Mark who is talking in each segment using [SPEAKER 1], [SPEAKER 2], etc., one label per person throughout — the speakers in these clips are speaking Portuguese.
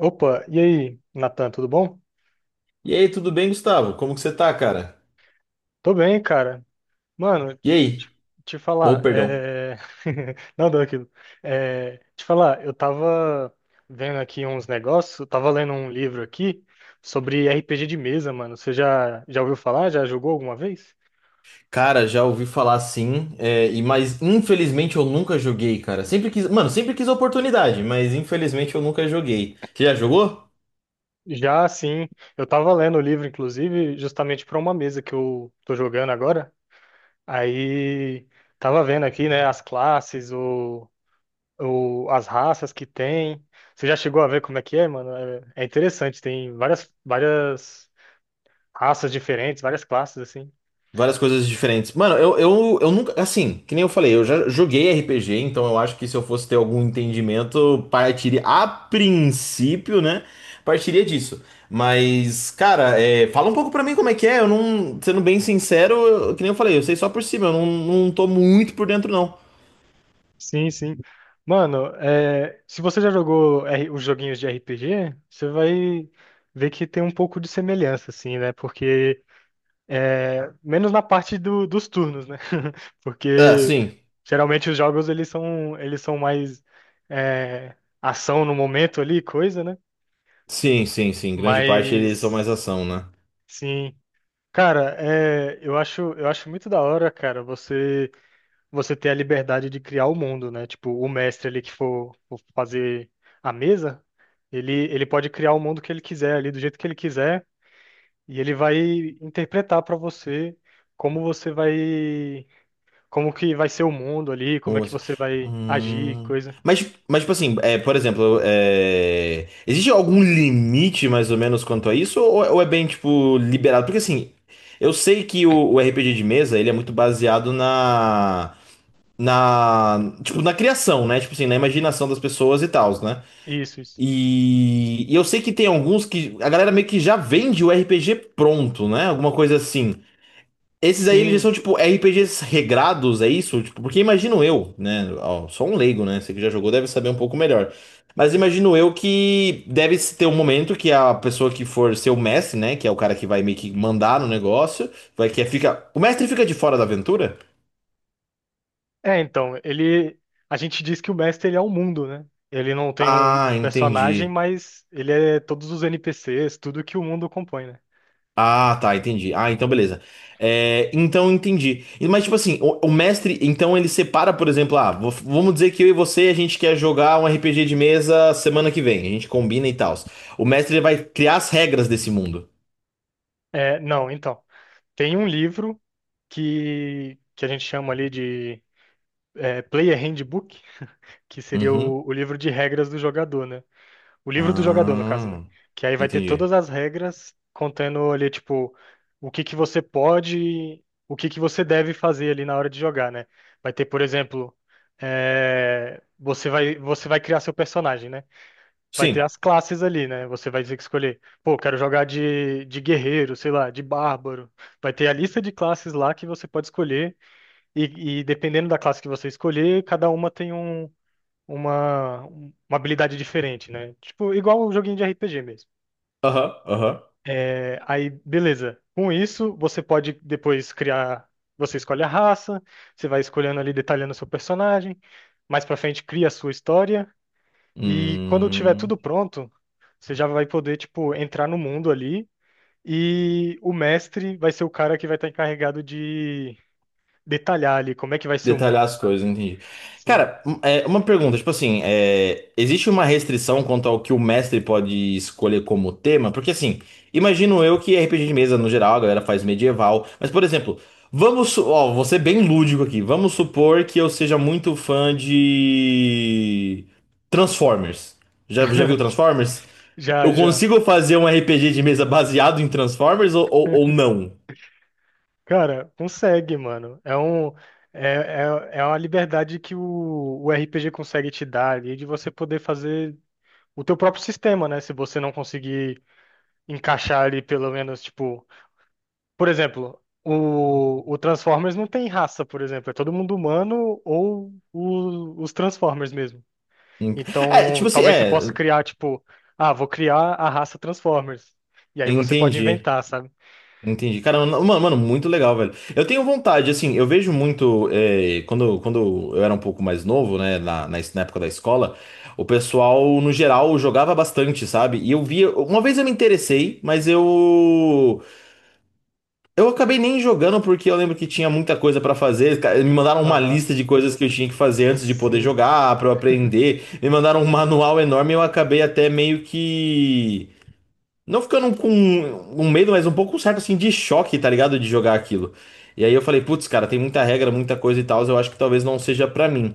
[SPEAKER 1] Opa, e aí, Natan, tudo bom?
[SPEAKER 2] E aí, tudo bem, Gustavo? Como que você tá, cara?
[SPEAKER 1] Tô bem, cara. Mano,
[SPEAKER 2] E
[SPEAKER 1] te, te-
[SPEAKER 2] aí?
[SPEAKER 1] te falar,
[SPEAKER 2] Ou, perdão.
[SPEAKER 1] Não, deu aquilo. Te falar, eu tava vendo aqui uns negócios, eu tava lendo um livro aqui sobre RPG de mesa, mano. Você já ouviu falar? Já jogou alguma vez?
[SPEAKER 2] Cara, já ouvi falar sim, mas infelizmente eu nunca joguei, cara. Sempre quis, mano, sempre quis a oportunidade, mas infelizmente eu nunca joguei. Você já jogou?
[SPEAKER 1] Já, sim. Eu tava lendo o livro, inclusive, justamente pra uma mesa que eu tô jogando agora. Aí, tava vendo aqui, né, as classes, as raças que tem. Você já chegou a ver como é que é, mano? É interessante, tem várias raças diferentes, várias classes, assim.
[SPEAKER 2] Várias coisas diferentes. Mano, eu nunca. Assim, que nem eu falei, eu já joguei RPG, então eu acho que se eu fosse ter algum entendimento, partiria. A princípio, né? Partiria disso. Mas, cara, fala um pouco pra mim como é que é. Eu não. Sendo bem sincero, que nem eu falei, eu sei só por cima, eu não tô muito por dentro, não.
[SPEAKER 1] Sim, sim. Mano, é, se você já jogou os joguinhos de RPG, você vai ver que tem um pouco de semelhança, assim, né? Porque, menos na parte dos turnos, né?
[SPEAKER 2] Ah,
[SPEAKER 1] Porque
[SPEAKER 2] sim.
[SPEAKER 1] geralmente os jogos eles são mais é, ação no momento ali, coisa, né?
[SPEAKER 2] Sim, sim, sim. Grande parte eles são mais
[SPEAKER 1] Mas,
[SPEAKER 2] ação, né?
[SPEAKER 1] sim. Cara, é, eu acho muito da hora, cara, você ter a liberdade de criar o mundo, né? Tipo, o mestre ali que for fazer a mesa, ele pode criar o mundo que ele quiser ali, do jeito que ele quiser, e ele vai interpretar pra você como você vai, como que vai ser o mundo ali, como é
[SPEAKER 2] Ou
[SPEAKER 1] que
[SPEAKER 2] assim,
[SPEAKER 1] você vai agir,
[SPEAKER 2] hum.
[SPEAKER 1] coisa.
[SPEAKER 2] Mas, tipo assim, por exemplo, existe algum limite mais ou menos quanto a isso? Ou é bem, tipo, liberado? Porque, assim, eu sei que o RPG de mesa, ele é muito baseado na, tipo, na criação, né? Tipo assim, na imaginação das pessoas e tals, né?
[SPEAKER 1] Isso, isso.
[SPEAKER 2] E eu sei que tem alguns que a galera meio que já vende o RPG pronto, né? Alguma coisa assim. Esses aí, eles
[SPEAKER 1] Sim.
[SPEAKER 2] são tipo RPGs regrados, é isso? Tipo, porque imagino eu, né? Ó, sou um leigo, né? Você que já jogou deve saber um pouco melhor. Mas imagino eu que deve ter um momento que a pessoa que for ser o mestre, né? Que é o cara que vai meio que mandar no negócio, vai que fica. O mestre fica de fora da aventura?
[SPEAKER 1] É, então, ele. A gente diz que o mestre ele é o mundo, né? Ele não tem um,
[SPEAKER 2] Ah,
[SPEAKER 1] um personagem,
[SPEAKER 2] entendi.
[SPEAKER 1] mas ele é todos os NPCs, tudo que o mundo compõe, né?
[SPEAKER 2] Ah, tá, entendi. Ah, então beleza. É, então entendi. Mas tipo assim, o mestre, então ele separa, por exemplo, vamos dizer que eu e você a gente quer jogar um RPG de mesa semana que vem, a gente combina e tal. O mestre ele vai criar as regras desse mundo.
[SPEAKER 1] É, não, então. Tem um livro que a gente chama ali de Player Handbook, que seria
[SPEAKER 2] Uhum.
[SPEAKER 1] o livro de regras do jogador, né? O livro do jogador, no caso, né?
[SPEAKER 2] Ah,
[SPEAKER 1] Que aí vai ter
[SPEAKER 2] entendi.
[SPEAKER 1] todas as regras contando ali, tipo, o que que você pode, o que que você deve fazer ali na hora de jogar, né? Vai ter, por exemplo, você vai criar seu personagem, né? Vai ter
[SPEAKER 2] Sim.
[SPEAKER 1] as classes ali, né? Você vai ter que escolher, pô, quero jogar de guerreiro, sei lá, de bárbaro. Vai ter a lista de classes lá que você pode escolher, e, dependendo da classe que você escolher, cada uma tem uma habilidade diferente, né? Tipo, igual um joguinho de RPG mesmo.
[SPEAKER 2] Aham, aham.
[SPEAKER 1] É, aí, beleza. Com isso, você pode depois criar. Você escolhe a raça, você vai escolhendo ali, detalhando seu personagem. Mais pra frente, cria a sua história. E quando tiver
[SPEAKER 2] Hum.
[SPEAKER 1] tudo pronto, você já vai poder, tipo, entrar no mundo ali. E o mestre vai ser o cara que vai estar encarregado de detalhar ali como é que vai ser o mundo,
[SPEAKER 2] Detalhar as
[SPEAKER 1] sabe?
[SPEAKER 2] coisas, entendi.
[SPEAKER 1] Sim.
[SPEAKER 2] Cara, uma pergunta, tipo assim, existe uma restrição quanto ao que o mestre pode escolher como tema? Porque assim, imagino eu que RPG de mesa, no geral, a galera faz medieval, mas por exemplo, ó, vou ser bem lúdico aqui, vamos supor que eu seja muito fã de Transformers. Já viu Transformers?
[SPEAKER 1] Já,
[SPEAKER 2] Eu
[SPEAKER 1] já.
[SPEAKER 2] consigo fazer um RPG de mesa baseado em Transformers ou não?
[SPEAKER 1] Cara, consegue, mano. É, é uma liberdade que o RPG consegue te dar ali de você poder fazer o teu próprio sistema, né? Se você não conseguir encaixar ali pelo menos, tipo, por exemplo, o Transformers não tem raça, por exemplo, é todo mundo humano ou os Transformers mesmo. Então,
[SPEAKER 2] Tipo assim,
[SPEAKER 1] talvez você possa criar, tipo, ah, vou criar a raça Transformers. E aí você pode
[SPEAKER 2] entendi.
[SPEAKER 1] inventar, sabe?
[SPEAKER 2] Entendi. Cara, mano, muito legal, velho. Eu tenho vontade, assim, eu vejo muito. Quando eu era um pouco mais novo, né, na época da escola, o pessoal, no geral, jogava bastante, sabe? E eu via. Uma vez eu me interessei, mas eu. Eu acabei nem jogando porque eu lembro que tinha muita coisa pra fazer. Me mandaram uma
[SPEAKER 1] Aham.
[SPEAKER 2] lista de coisas que eu tinha que fazer antes de poder
[SPEAKER 1] Sim,
[SPEAKER 2] jogar, pra eu aprender. Me mandaram um manual enorme e eu acabei até meio que. Não ficando com um medo, mas um pouco certo assim de choque, tá ligado? De jogar aquilo. E aí eu falei, putz, cara, tem muita regra, muita coisa e tal, eu acho que talvez não seja pra mim.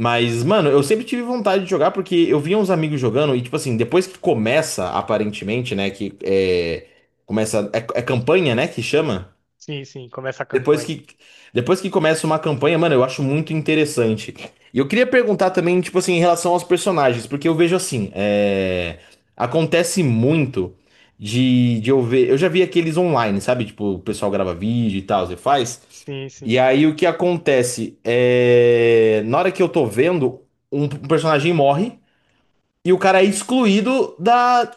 [SPEAKER 2] Mas, mano, eu sempre tive vontade de jogar porque eu via uns amigos jogando e, tipo assim, depois que começa, aparentemente, né, que é. Começa. É campanha, né, que chama?
[SPEAKER 1] sim, sim, começa a
[SPEAKER 2] Depois
[SPEAKER 1] campanha.
[SPEAKER 2] que, depois que começa uma campanha, mano, eu acho muito interessante. E eu queria perguntar também, tipo assim, em relação aos personagens, porque eu vejo assim, acontece muito de eu ver. Eu já vi aqueles online, sabe? Tipo, o pessoal grava vídeo e tal, você faz.
[SPEAKER 1] Sim,
[SPEAKER 2] E
[SPEAKER 1] sim.
[SPEAKER 2] aí o que acontece é. Na hora que eu tô vendo, um personagem morre e o cara é excluído da,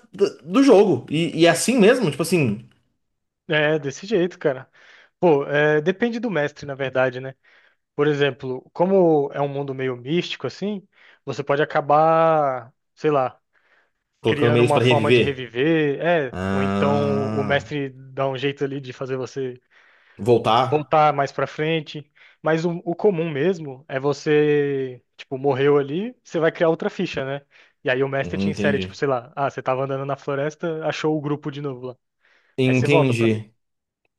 [SPEAKER 2] do jogo. E é assim mesmo, tipo assim,
[SPEAKER 1] É desse jeito, cara. Pô, é, depende do mestre, na verdade, né? Por exemplo, como é um mundo meio místico, assim, você pode acabar, sei lá,
[SPEAKER 2] colocando
[SPEAKER 1] criando
[SPEAKER 2] meios
[SPEAKER 1] uma
[SPEAKER 2] pra
[SPEAKER 1] forma de
[SPEAKER 2] reviver.
[SPEAKER 1] reviver, é, ou então o
[SPEAKER 2] Ah.
[SPEAKER 1] mestre dá um jeito ali de fazer você
[SPEAKER 2] Voltar?
[SPEAKER 1] voltar mais pra frente. Mas o comum mesmo é você, tipo, morreu ali, você vai criar outra ficha, né? E aí o mestre
[SPEAKER 2] Uhum,
[SPEAKER 1] te insere, tipo,
[SPEAKER 2] Entendi.
[SPEAKER 1] sei lá, ah, você tava andando na floresta, achou o grupo de novo lá. Aí você volta pra
[SPEAKER 2] Entendi.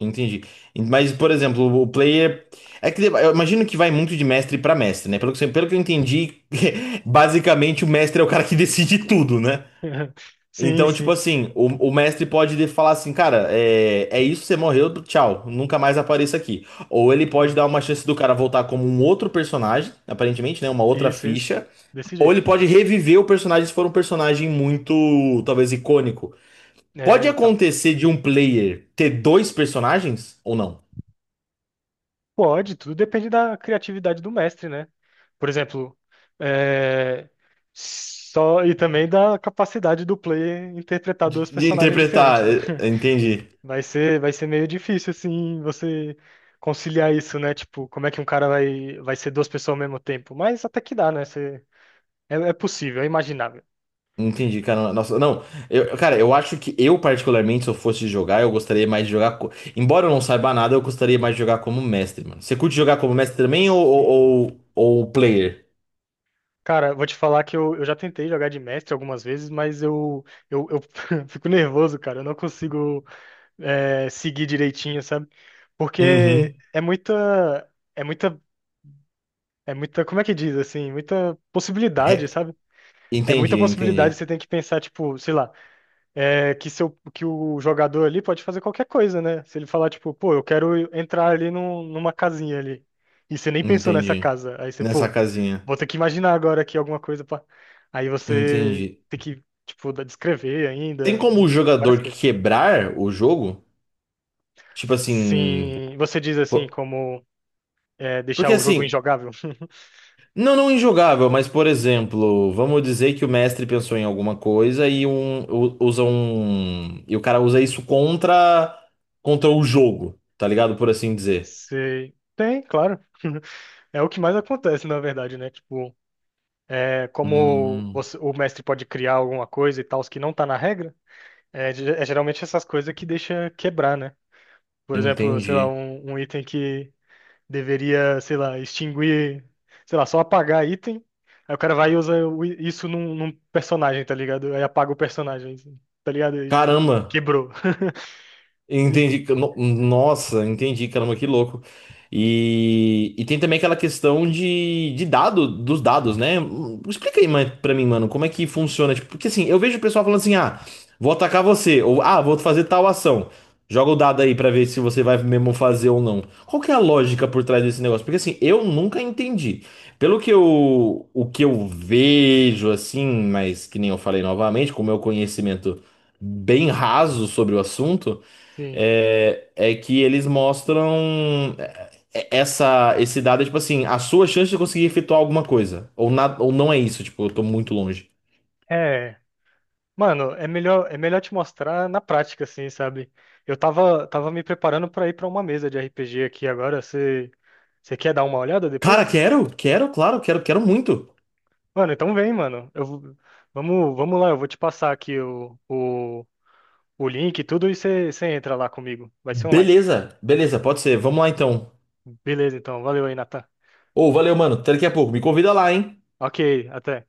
[SPEAKER 2] Entendi. Mas, por exemplo, o player. É que eu imagino que vai muito de mestre pra mestre, né? Pelo que eu entendi, basicamente o mestre é o cara que decide tudo, né?
[SPEAKER 1] Sim,
[SPEAKER 2] Então, tipo
[SPEAKER 1] sim.
[SPEAKER 2] assim, o mestre pode falar assim, cara, é isso, você morreu, tchau, nunca mais apareça aqui. Ou ele pode dar uma chance do cara voltar como um outro personagem, aparentemente, né? Uma outra
[SPEAKER 1] Isso, isso.
[SPEAKER 2] ficha.
[SPEAKER 1] Desse
[SPEAKER 2] Ou ele
[SPEAKER 1] jeito.
[SPEAKER 2] pode reviver o personagem se for um personagem muito, talvez, icônico. Pode
[SPEAKER 1] É, então.
[SPEAKER 2] acontecer de um player ter dois personagens ou não?
[SPEAKER 1] Pode, tudo depende da criatividade do mestre, né? Por exemplo, é, só e também da capacidade do player interpretar
[SPEAKER 2] De,
[SPEAKER 1] dois
[SPEAKER 2] de
[SPEAKER 1] personagens diferentes,
[SPEAKER 2] interpretar,
[SPEAKER 1] né?
[SPEAKER 2] entendi.
[SPEAKER 1] Vai ser meio difícil assim você conciliar isso, né? Tipo, como é que um cara vai ser duas pessoas ao mesmo tempo? Mas até que dá, né? É possível, é imaginável.
[SPEAKER 2] Entendi, cara. Nossa, não. Eu, cara, eu acho que eu, particularmente, se eu fosse jogar, eu gostaria mais de jogar. Embora eu não saiba nada, eu gostaria mais de jogar como mestre, mano. Você curte jogar como mestre também ou,
[SPEAKER 1] Sim.
[SPEAKER 2] ou, ou ou player?
[SPEAKER 1] Cara, vou te falar que eu já tentei jogar de mestre algumas vezes, mas eu fico nervoso, cara. Eu não consigo seguir direitinho, sabe? Porque
[SPEAKER 2] Uhum.
[SPEAKER 1] como é que diz assim? Muita possibilidade,
[SPEAKER 2] Re-
[SPEAKER 1] sabe? É muita
[SPEAKER 2] Entendi,
[SPEAKER 1] possibilidade.
[SPEAKER 2] entendi.
[SPEAKER 1] Você tem que pensar, tipo, sei lá que o jogador ali pode fazer qualquer coisa, né? Se ele falar, tipo, pô, eu quero entrar ali numa casinha ali. E você nem pensou nessa
[SPEAKER 2] Entendi.
[SPEAKER 1] casa. Aí você,
[SPEAKER 2] Nessa
[SPEAKER 1] pô,
[SPEAKER 2] casinha.
[SPEAKER 1] vou ter que imaginar agora aqui alguma coisa pra... Aí você
[SPEAKER 2] Entendi.
[SPEAKER 1] tem que, tipo, descrever
[SPEAKER 2] Tem
[SPEAKER 1] ainda,
[SPEAKER 2] como o
[SPEAKER 1] várias
[SPEAKER 2] jogador
[SPEAKER 1] coisas.
[SPEAKER 2] quebrar o jogo? Tipo assim.
[SPEAKER 1] Sim, você diz assim,
[SPEAKER 2] po-
[SPEAKER 1] como é, deixar
[SPEAKER 2] Porque
[SPEAKER 1] o jogo
[SPEAKER 2] assim.
[SPEAKER 1] injogável?
[SPEAKER 2] Não, não injogável, mas por exemplo, vamos dizer que o mestre pensou em alguma coisa e usa um e o cara usa isso contra o jogo, tá ligado? Por assim dizer.
[SPEAKER 1] Sei. Tem, claro. É o que mais acontece, na verdade, né? Tipo, é,
[SPEAKER 2] Hum,
[SPEAKER 1] o mestre pode criar alguma coisa e tal, que não tá na regra. É, é geralmente essas coisas que deixa quebrar, né? Por exemplo, sei lá,
[SPEAKER 2] entendi.
[SPEAKER 1] um item que deveria, sei lá, extinguir, sei lá, só apagar item. Aí o cara vai e usa isso num personagem, tá ligado? Aí apaga o personagem, assim, tá ligado? E, tipo,
[SPEAKER 2] Caramba.
[SPEAKER 1] quebrou. E,
[SPEAKER 2] Entendi. Nossa, entendi, caramba, que louco. E tem também aquela questão de dado, dos dados, né? Explica aí mais pra mim, mano, como é que funciona? Tipo, porque assim, eu vejo o pessoal falando assim, ah, vou atacar você, ou ah, vou fazer tal ação. Joga o dado aí pra ver se você vai mesmo fazer ou não. Qual que é a lógica por trás desse negócio? Porque assim, eu nunca entendi. O que eu vejo, assim, mas que nem eu falei novamente, com o meu conhecimento bem raso sobre o assunto.
[SPEAKER 1] Sim.
[SPEAKER 2] É que eles mostram esse dado, tipo assim, a sua chance de conseguir efetuar alguma coisa. Ou não é isso, tipo, eu tô muito longe.
[SPEAKER 1] É. Mano, é melhor te mostrar na prática, assim, sabe? Eu tava me preparando pra ir pra uma mesa de RPG aqui agora. Você quer dar uma olhada
[SPEAKER 2] Cara,
[SPEAKER 1] depois?
[SPEAKER 2] quero, quero, claro, quero, quero muito.
[SPEAKER 1] Mano, então vem, mano. Vamos lá, eu vou te passar aqui o link e tudo e você entra lá comigo. Vai ser online.
[SPEAKER 2] Beleza, beleza, pode ser. Vamos lá então.
[SPEAKER 1] Beleza, então. Valeu aí, Natan.
[SPEAKER 2] Ô, valeu, mano. Até daqui a pouco. Me convida lá, hein?
[SPEAKER 1] Ok, até.